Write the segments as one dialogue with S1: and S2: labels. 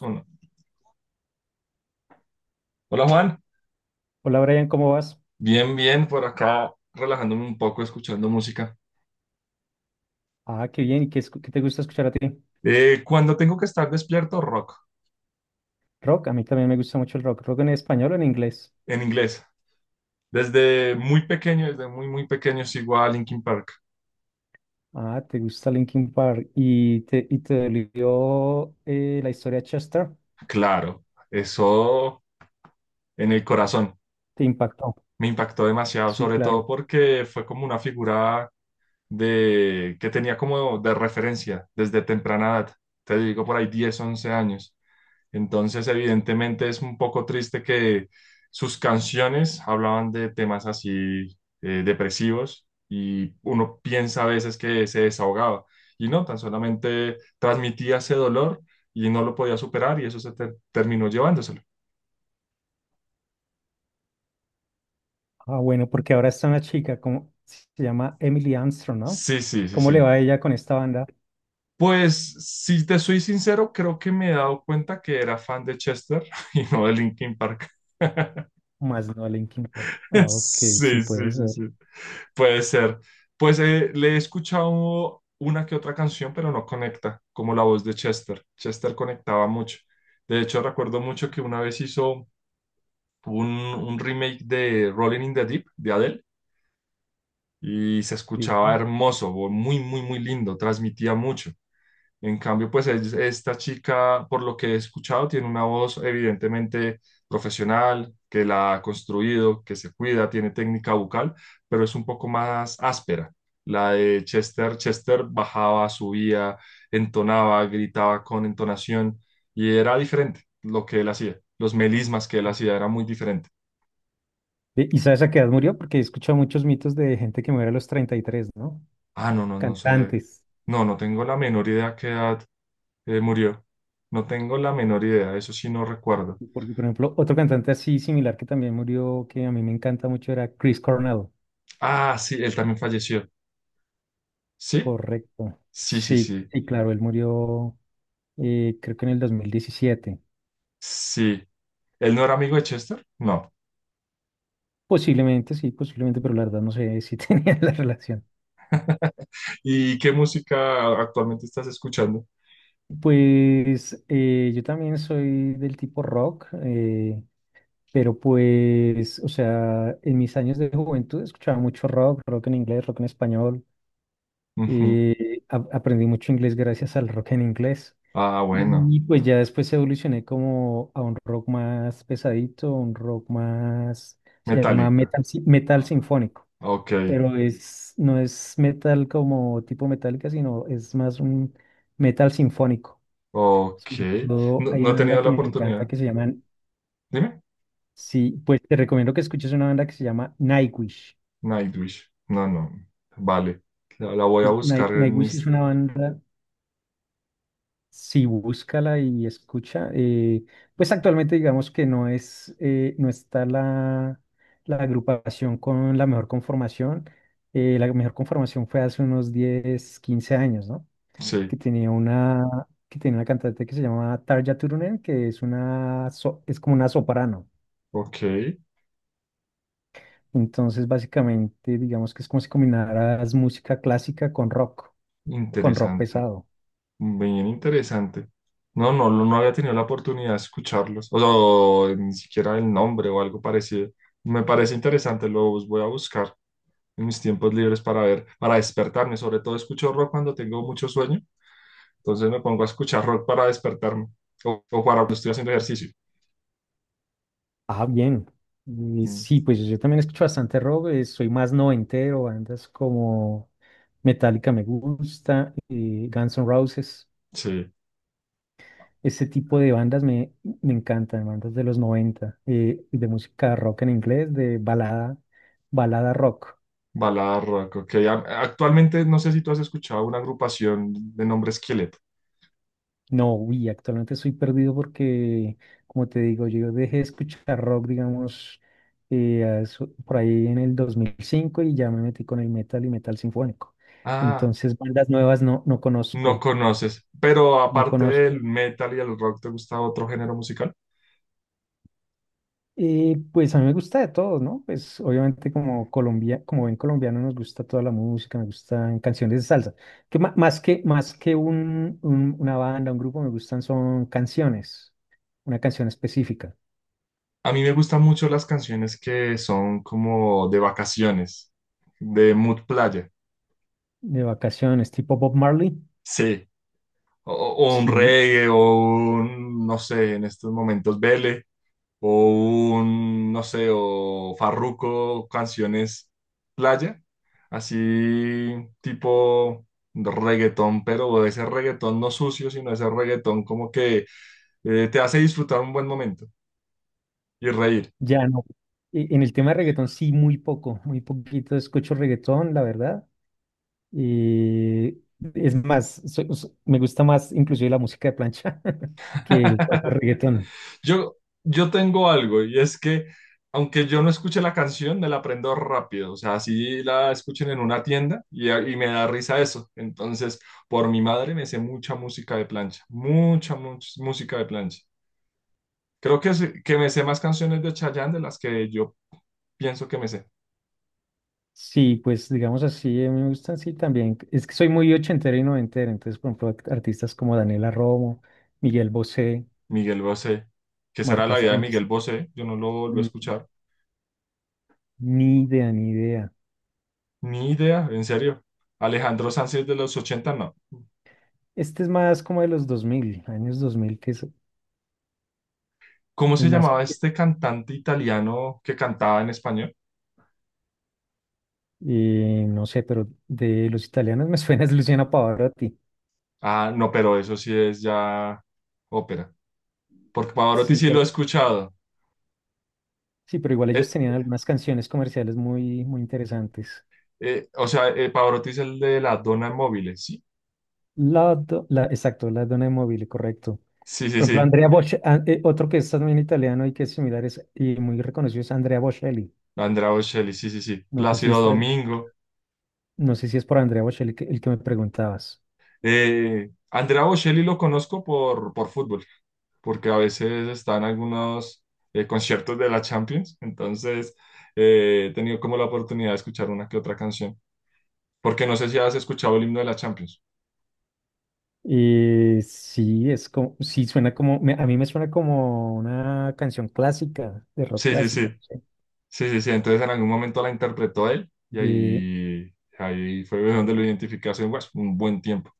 S1: Uno. Hola Juan,
S2: Hola Brian, ¿cómo vas?
S1: bien, bien, por acá relajándome un poco, escuchando música.
S2: Ah, qué bien. ¿Y qué, qué te gusta escuchar a ti?
S1: Cuando tengo que estar despierto, rock,
S2: Rock, a mí también me gusta mucho el rock. ¿Rock en español o en inglés?
S1: en inglés. Desde muy pequeño, desde muy, muy pequeño sigo a Linkin Park.
S2: Ah, ¿te gusta Linkin Park? ¿Y te dolió la historia de Chester?
S1: Claro, eso en el corazón
S2: ¿Te impactó?
S1: me impactó demasiado,
S2: Sí,
S1: sobre todo
S2: claro.
S1: porque fue como una figura de, que tenía como de referencia desde temprana edad. Te digo, por ahí 10, 11 años. Entonces, evidentemente es un poco triste que sus canciones hablaban de temas así depresivos, y uno piensa a veces que se desahogaba y no, tan solamente transmitía ese dolor y no lo podía superar, y eso se terminó llevándoselo.
S2: Ah, bueno, porque ahora está una chica, como, se llama Emily Armstrong, ¿no?
S1: Sí, sí, sí,
S2: ¿Cómo le va
S1: sí.
S2: a ella con esta banda?
S1: Pues si te soy sincero, creo que me he dado cuenta que era fan de Chester y no de Linkin Park.
S2: Más no a Linkin Park. Ah, ok, sí,
S1: Sí,
S2: puede
S1: sí, sí, sí.
S2: ser.
S1: Puede ser. Pues le he escuchado una que otra canción, pero no conecta, como la voz de Chester. Chester conectaba mucho. De hecho, recuerdo mucho que una vez hizo un remake de Rolling in the Deep de Adele y se
S2: Sí.
S1: escuchaba hermoso, muy, muy, muy lindo, transmitía mucho. En cambio, pues esta chica, por lo que he escuchado, tiene una voz evidentemente profesional, que la ha construido, que se cuida, tiene técnica vocal, pero es un poco más áspera. La de Chester, Chester bajaba, subía, entonaba, gritaba con entonación, y era diferente lo que él hacía. Los melismas que él hacía era muy diferente.
S2: ¿Y sabes a qué edad murió? Porque he escuchado muchos mitos de gente que muere a los 33, ¿no?
S1: Ah, no, no, no sé.
S2: Cantantes.
S1: No, no tengo la menor idea qué edad murió. No tengo la menor idea, eso sí no recuerdo.
S2: Porque, por ejemplo, otro cantante así similar que también murió, que a mí me encanta mucho, era Chris Cornell.
S1: Ah, sí, él también falleció. ¿Sí?
S2: Correcto.
S1: Sí, sí,
S2: Sí,
S1: sí.
S2: sí, claro, él murió creo que en el 2017.
S1: Sí. ¿Él no era amigo de Chester? No.
S2: Posiblemente, sí, posiblemente, pero la verdad no sé si tenía la relación.
S1: ¿Y qué música actualmente estás escuchando?
S2: Pues yo también soy del tipo rock, pero pues, o sea, en mis años de juventud escuchaba mucho rock, rock en inglés, rock en español.
S1: Ujú.
S2: Aprendí mucho inglés gracias al rock en inglés.
S1: Ah, bueno,
S2: Y pues ya después evolucioné como a un rock más pesadito, un rock más, se llama
S1: Metallica.
S2: metal, metal
S1: Ah,
S2: sinfónico,
S1: ok,
S2: pero es, no es metal como tipo metálica, sino es más un metal sinfónico.
S1: ok.
S2: Sobre todo
S1: No,
S2: hay
S1: no he
S2: una banda
S1: tenido
S2: que
S1: la
S2: me encanta
S1: oportunidad.
S2: que se llama,
S1: Dime.
S2: sí, pues te recomiendo que escuches una banda que se llama Nightwish.
S1: Nightwish. No, no. Vale. La voy a
S2: Pues
S1: buscar en
S2: Nightwish es
S1: mis...
S2: una banda. Sí, búscala y escucha. Pues actualmente digamos que no es, no está la agrupación con la mejor conformación. La mejor conformación fue hace unos 10 15 años, ¿no?
S1: Sí,
S2: Que tenía una, que tenía una cantante que se llamaba Tarja Turunen, que es una, es como una soprano.
S1: ok.
S2: Entonces, básicamente, digamos que es como si combinaras música clásica con rock
S1: Interesante.
S2: pesado.
S1: Bien interesante. No, no, no no había tenido la oportunidad de escucharlos, o sea, o ni siquiera el nombre o algo parecido. Me parece interesante, los voy a buscar en mis tiempos libres para ver, para despertarme. Sobre todo escucho rock cuando tengo mucho sueño, entonces me pongo a escuchar rock para despertarme o para cuando estoy haciendo ejercicio.
S2: Ah, bien. Y
S1: Mm,
S2: sí, pues yo también escucho bastante rock, soy más noventero, bandas como Metallica me gusta, Guns N' Roses,
S1: sí,
S2: ese tipo de bandas me encantan, bandas de los 90, de música rock en inglés, de balada, balada rock.
S1: balada rock, ok. Actualmente no sé si tú has escuchado una agrupación de nombre Skillet.
S2: No, uy, actualmente estoy perdido porque, como te digo, yo dejé de escuchar rock, digamos, por ahí en el 2005 y ya me metí con el metal y metal sinfónico.
S1: Ah,
S2: Entonces, bandas nuevas no
S1: no
S2: conozco,
S1: conoces, pero
S2: no
S1: aparte
S2: conozco.
S1: del metal y el rock, ¿te gusta otro género musical?
S2: Pues a mí me gusta de todo, ¿no? Pues obviamente como Colombia, como buen colombiano nos gusta toda la música, me gustan canciones de salsa. Que ma- más que un, una banda, un grupo, me gustan son canciones, una canción específica.
S1: A mí me gustan mucho las canciones que son como de vacaciones, de mood playa.
S2: De vacaciones, tipo Bob Marley,
S1: Sí, o un
S2: sí,
S1: reggae o un, no sé, en estos momentos, vele. O un, no sé, o Farruko, canciones playa, así tipo reggaetón, pero de ese reggaetón no sucio, sino ese reggaetón como que te hace disfrutar un buen momento y reír.
S2: ya no. En el tema de reggaetón, sí, muy poco, muy poquito escucho reggaetón, la verdad. Eh, es más, me gusta más inclusive la música de plancha que el propio reggaetón.
S1: Yo, yo tengo algo y es que aunque yo no escuche la canción, me la aprendo rápido, o sea, así la escuchen en una tienda y me da risa eso. Entonces, por mi madre me sé mucha música de plancha, mucha, mucha música de plancha. Creo que, que me sé más canciones de Chayanne de las que yo pienso que me sé.
S2: Sí, pues digamos así, a mí me gustan, sí, también. Es que soy muy ochentero y noventero, entonces, por ejemplo, artistas como Daniela Romo, Miguel Bosé,
S1: Miguel Bosé, que será
S2: Marta
S1: la vida de
S2: Sánchez,
S1: Miguel Bosé, yo no lo volví a
S2: mm,
S1: escuchar.
S2: ni idea, ni idea.
S1: Ni idea, en serio. Alejandro Sanz es de los ochenta no.
S2: Este es más como de los 2000, años 2000, que es...
S1: ¿Cómo
S2: Es
S1: se
S2: más.
S1: llamaba este cantante italiano que cantaba en español?
S2: Y no sé, pero de los italianos me suena es Luciana Pavarotti.
S1: Ah, no, pero eso sí es ya ópera. Porque Pavarotti
S2: Sí,
S1: sí lo he
S2: pero
S1: escuchado.
S2: sí, pero igual ellos
S1: Eh,
S2: tenían algunas canciones comerciales muy, muy interesantes.
S1: o sea, Pavarotti es el de la Donna Móvil, ¿sí?
S2: Exacto, la Donna móvil, correcto.
S1: Sí, sí,
S2: Por ejemplo, Andrea
S1: sí.
S2: Bocelli, otro que es también italiano y que es y muy reconocido es Andrea Bocelli.
S1: Andrea Bocelli, sí, sí, sí.
S2: No sé si
S1: Plácido
S2: está,
S1: Domingo.
S2: no sé si es por Andrea Bocelli el que me preguntabas.
S1: Andrea Bocelli lo conozco por fútbol, porque a veces está en algunos conciertos de la Champions, entonces he tenido como la oportunidad de escuchar una que otra canción, porque no sé si has escuchado el himno de la Champions.
S2: Sí, es como, sí suena como, a mí me suena como una canción clásica, de rock
S1: Sí, sí, sí,
S2: clásico. No
S1: sí, sí, sí, entonces en algún momento la interpretó él y
S2: sé.
S1: ahí, ahí fue donde lo identifiqué hace pues, un buen tiempo.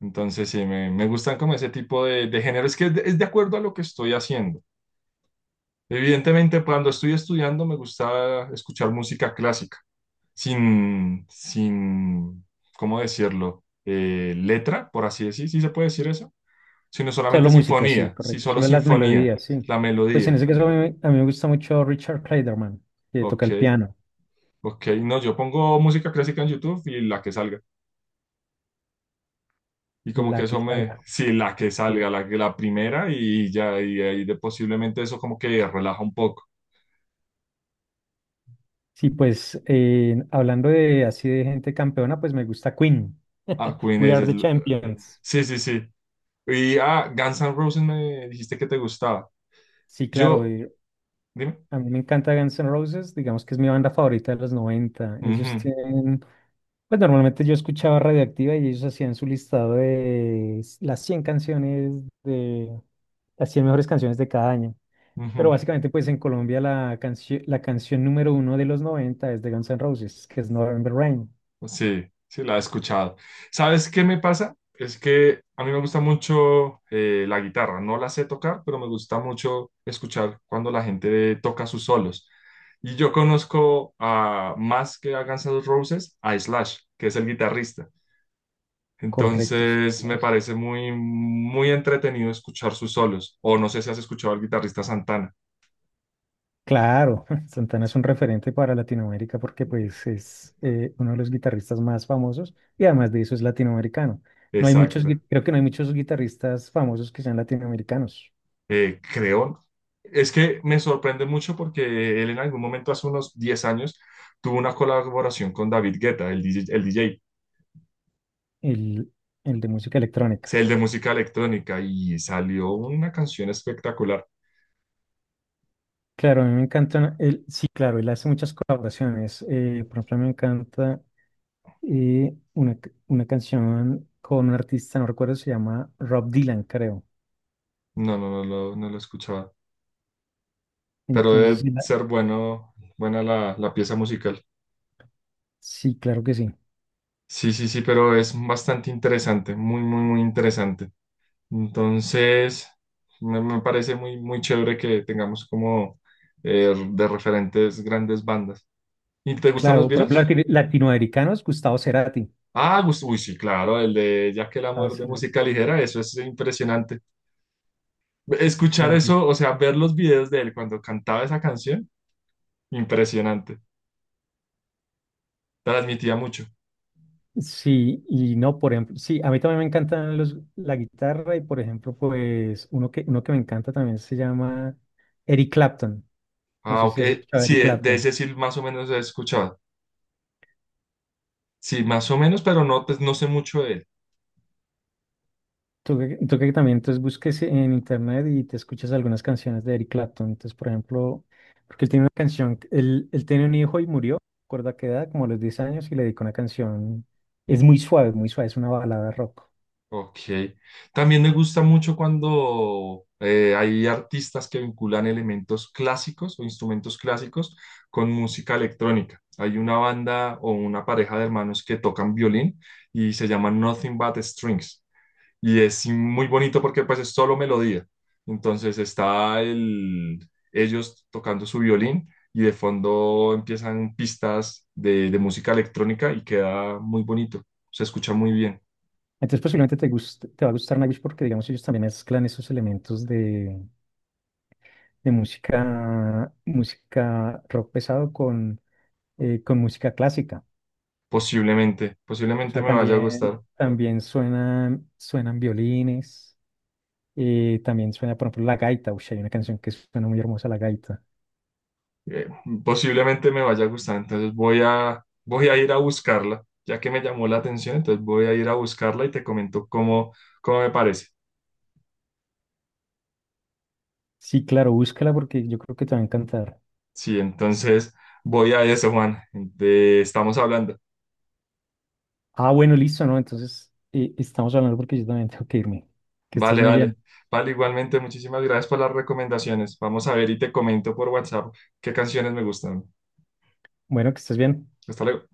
S1: Entonces sí, me gustan como ese tipo de género, es que es de acuerdo a lo que estoy haciendo. Evidentemente, cuando estoy estudiando me gusta escuchar música clásica, sin, sin, ¿cómo decirlo? Letra, por así decir, ¿sí se puede decir eso? Sino
S2: Solo
S1: solamente
S2: música, sí,
S1: sinfonía, sí,
S2: correcto.
S1: solo
S2: Solo las
S1: sinfonía,
S2: melodías, sí.
S1: la
S2: Pues en
S1: melodía.
S2: ese caso a mí me gusta mucho Richard Clayderman, que toca
S1: Ok,
S2: el piano,
S1: ok, no, yo pongo música clásica en YouTube y la que salga. Y como que
S2: la
S1: eso me,
S2: guitarra.
S1: sí, la que
S2: Sí,
S1: salga, la, la primera y ya, y ahí de posiblemente eso como que relaja un poco.
S2: sí, pues hablando de así de gente campeona, pues me gusta Queen.
S1: Ah, Queen
S2: We
S1: es,
S2: Are the Champions.
S1: sí, sí, sí. Y ah, Guns N' Roses me dijiste que te gustaba.
S2: Sí, claro.
S1: Yo, dime.
S2: A mí me encanta Guns N' Roses, digamos que es mi banda favorita de los noventa. Ellos
S1: Ujú,
S2: tienen, pues normalmente yo escuchaba Radioactiva y ellos hacían su listado de las 100 canciones de las 100 mejores canciones de cada año. Pero
S1: ujú.
S2: básicamente, pues en Colombia la canción número 1 de los noventa es de Guns N' Roses, que es November Rain.
S1: Sí, sí, la he escuchado. ¿Sabes qué me pasa? Es que a mí me gusta mucho la guitarra. No la sé tocar, pero me gusta mucho escuchar cuando la gente toca sus solos. Y yo conozco a más que a Guns N' Roses, a Slash, que es el guitarrista.
S2: Correcto, sí.
S1: Entonces me
S2: Flash.
S1: parece muy, muy entretenido escuchar sus solos. O no sé si has escuchado al guitarrista Santana.
S2: Claro, Santana es un referente para Latinoamérica porque pues es uno de los guitarristas más famosos y además de eso es latinoamericano. No hay muchos,
S1: Exacto.
S2: creo que no hay muchos guitarristas famosos que sean latinoamericanos,
S1: Creo. Es que me sorprende mucho porque él en algún momento, hace unos 10 años, tuvo una colaboración con David Guetta, el DJ, el DJ,
S2: el, el de música
S1: sí,
S2: electrónica.
S1: el de música electrónica, y salió una canción espectacular.
S2: Claro, a mí me encanta, él, sí, claro, él hace muchas colaboraciones. Por ejemplo, me encanta una, una canción con un artista, no recuerdo, se llama Rob Dylan, creo.
S1: No, no, no, no, lo escuchaba, pero
S2: Entonces,
S1: debe
S2: sí,
S1: ser bueno, buena la, la pieza musical.
S2: sí, claro que sí.
S1: Sí, sí, sí, pero es bastante interesante, muy, muy, muy interesante. Entonces, me parece muy, muy chévere que tengamos como de referentes grandes bandas. ¿Y te gustan los
S2: Claro, por ejemplo,
S1: Beatles?
S2: latinoamericanos, Gustavo Cerati.
S1: Ah, uy, sí, claro, el de Ya que el
S2: Ah,
S1: amor de música ligera, eso es impresionante. Escuchar
S2: claro.
S1: eso, o sea, ver los videos de él cuando cantaba esa canción, impresionante. Transmitía mucho.
S2: Sí, y no, por ejemplo, sí, a mí también me encantan los, la guitarra y por ejemplo, pues uno que me encanta también se llama Eric Clapton. No
S1: Ah,
S2: sé si
S1: ok,
S2: has escuchado a
S1: sí,
S2: Eric
S1: de
S2: Clapton.
S1: ese sí más o menos he escuchado. Sí, más o menos, pero no, pues, no sé mucho de él.
S2: Tú que también entonces busques en internet y te escuchas algunas canciones de Eric Clapton. Entonces, por ejemplo, porque él tiene una canción, él tiene un hijo y murió, recuerda que edad, como a los 10 años, y le dedicó una canción, es muy suave, es una balada rock.
S1: Ok. También me gusta mucho cuando hay artistas que vinculan elementos clásicos o instrumentos clásicos con música electrónica. Hay una banda o una pareja de hermanos que tocan violín y se llama Nothing But Strings. Y es sí, muy bonito porque pues es solo melodía. Entonces está el, ellos tocando su violín y de fondo empiezan pistas de música electrónica y queda muy bonito. Se escucha muy bien.
S2: Entonces posiblemente te guste, te va a gustar Nightwish porque digamos ellos también mezclan esos elementos de música, música rock pesado con música clásica.
S1: Posiblemente,
S2: O
S1: posiblemente
S2: sea, mm,
S1: me vaya a
S2: también,
S1: gustar.
S2: también suenan, suenan violines, también suena, por ejemplo, la gaita. Uy, hay una canción que suena muy hermosa, la gaita.
S1: eh, Posiblemente me vaya a gustar. Entonces voy a, voy a ir a buscarla, ya que me llamó la atención, entonces voy a ir a buscarla y te comento cómo, cómo me parece.
S2: Sí, claro, búscala porque yo creo que te va a encantar.
S1: Sí, entonces voy a eso, Juan. Estamos hablando.
S2: Ah, bueno, listo, ¿no? Entonces estamos hablando porque yo también tengo que irme. Que estés
S1: Vale,
S2: muy bien.
S1: vale. Vale, igualmente, muchísimas gracias por las recomendaciones. Vamos a ver y te comento por WhatsApp qué canciones me gustan.
S2: Bueno, que estés bien.
S1: Hasta luego.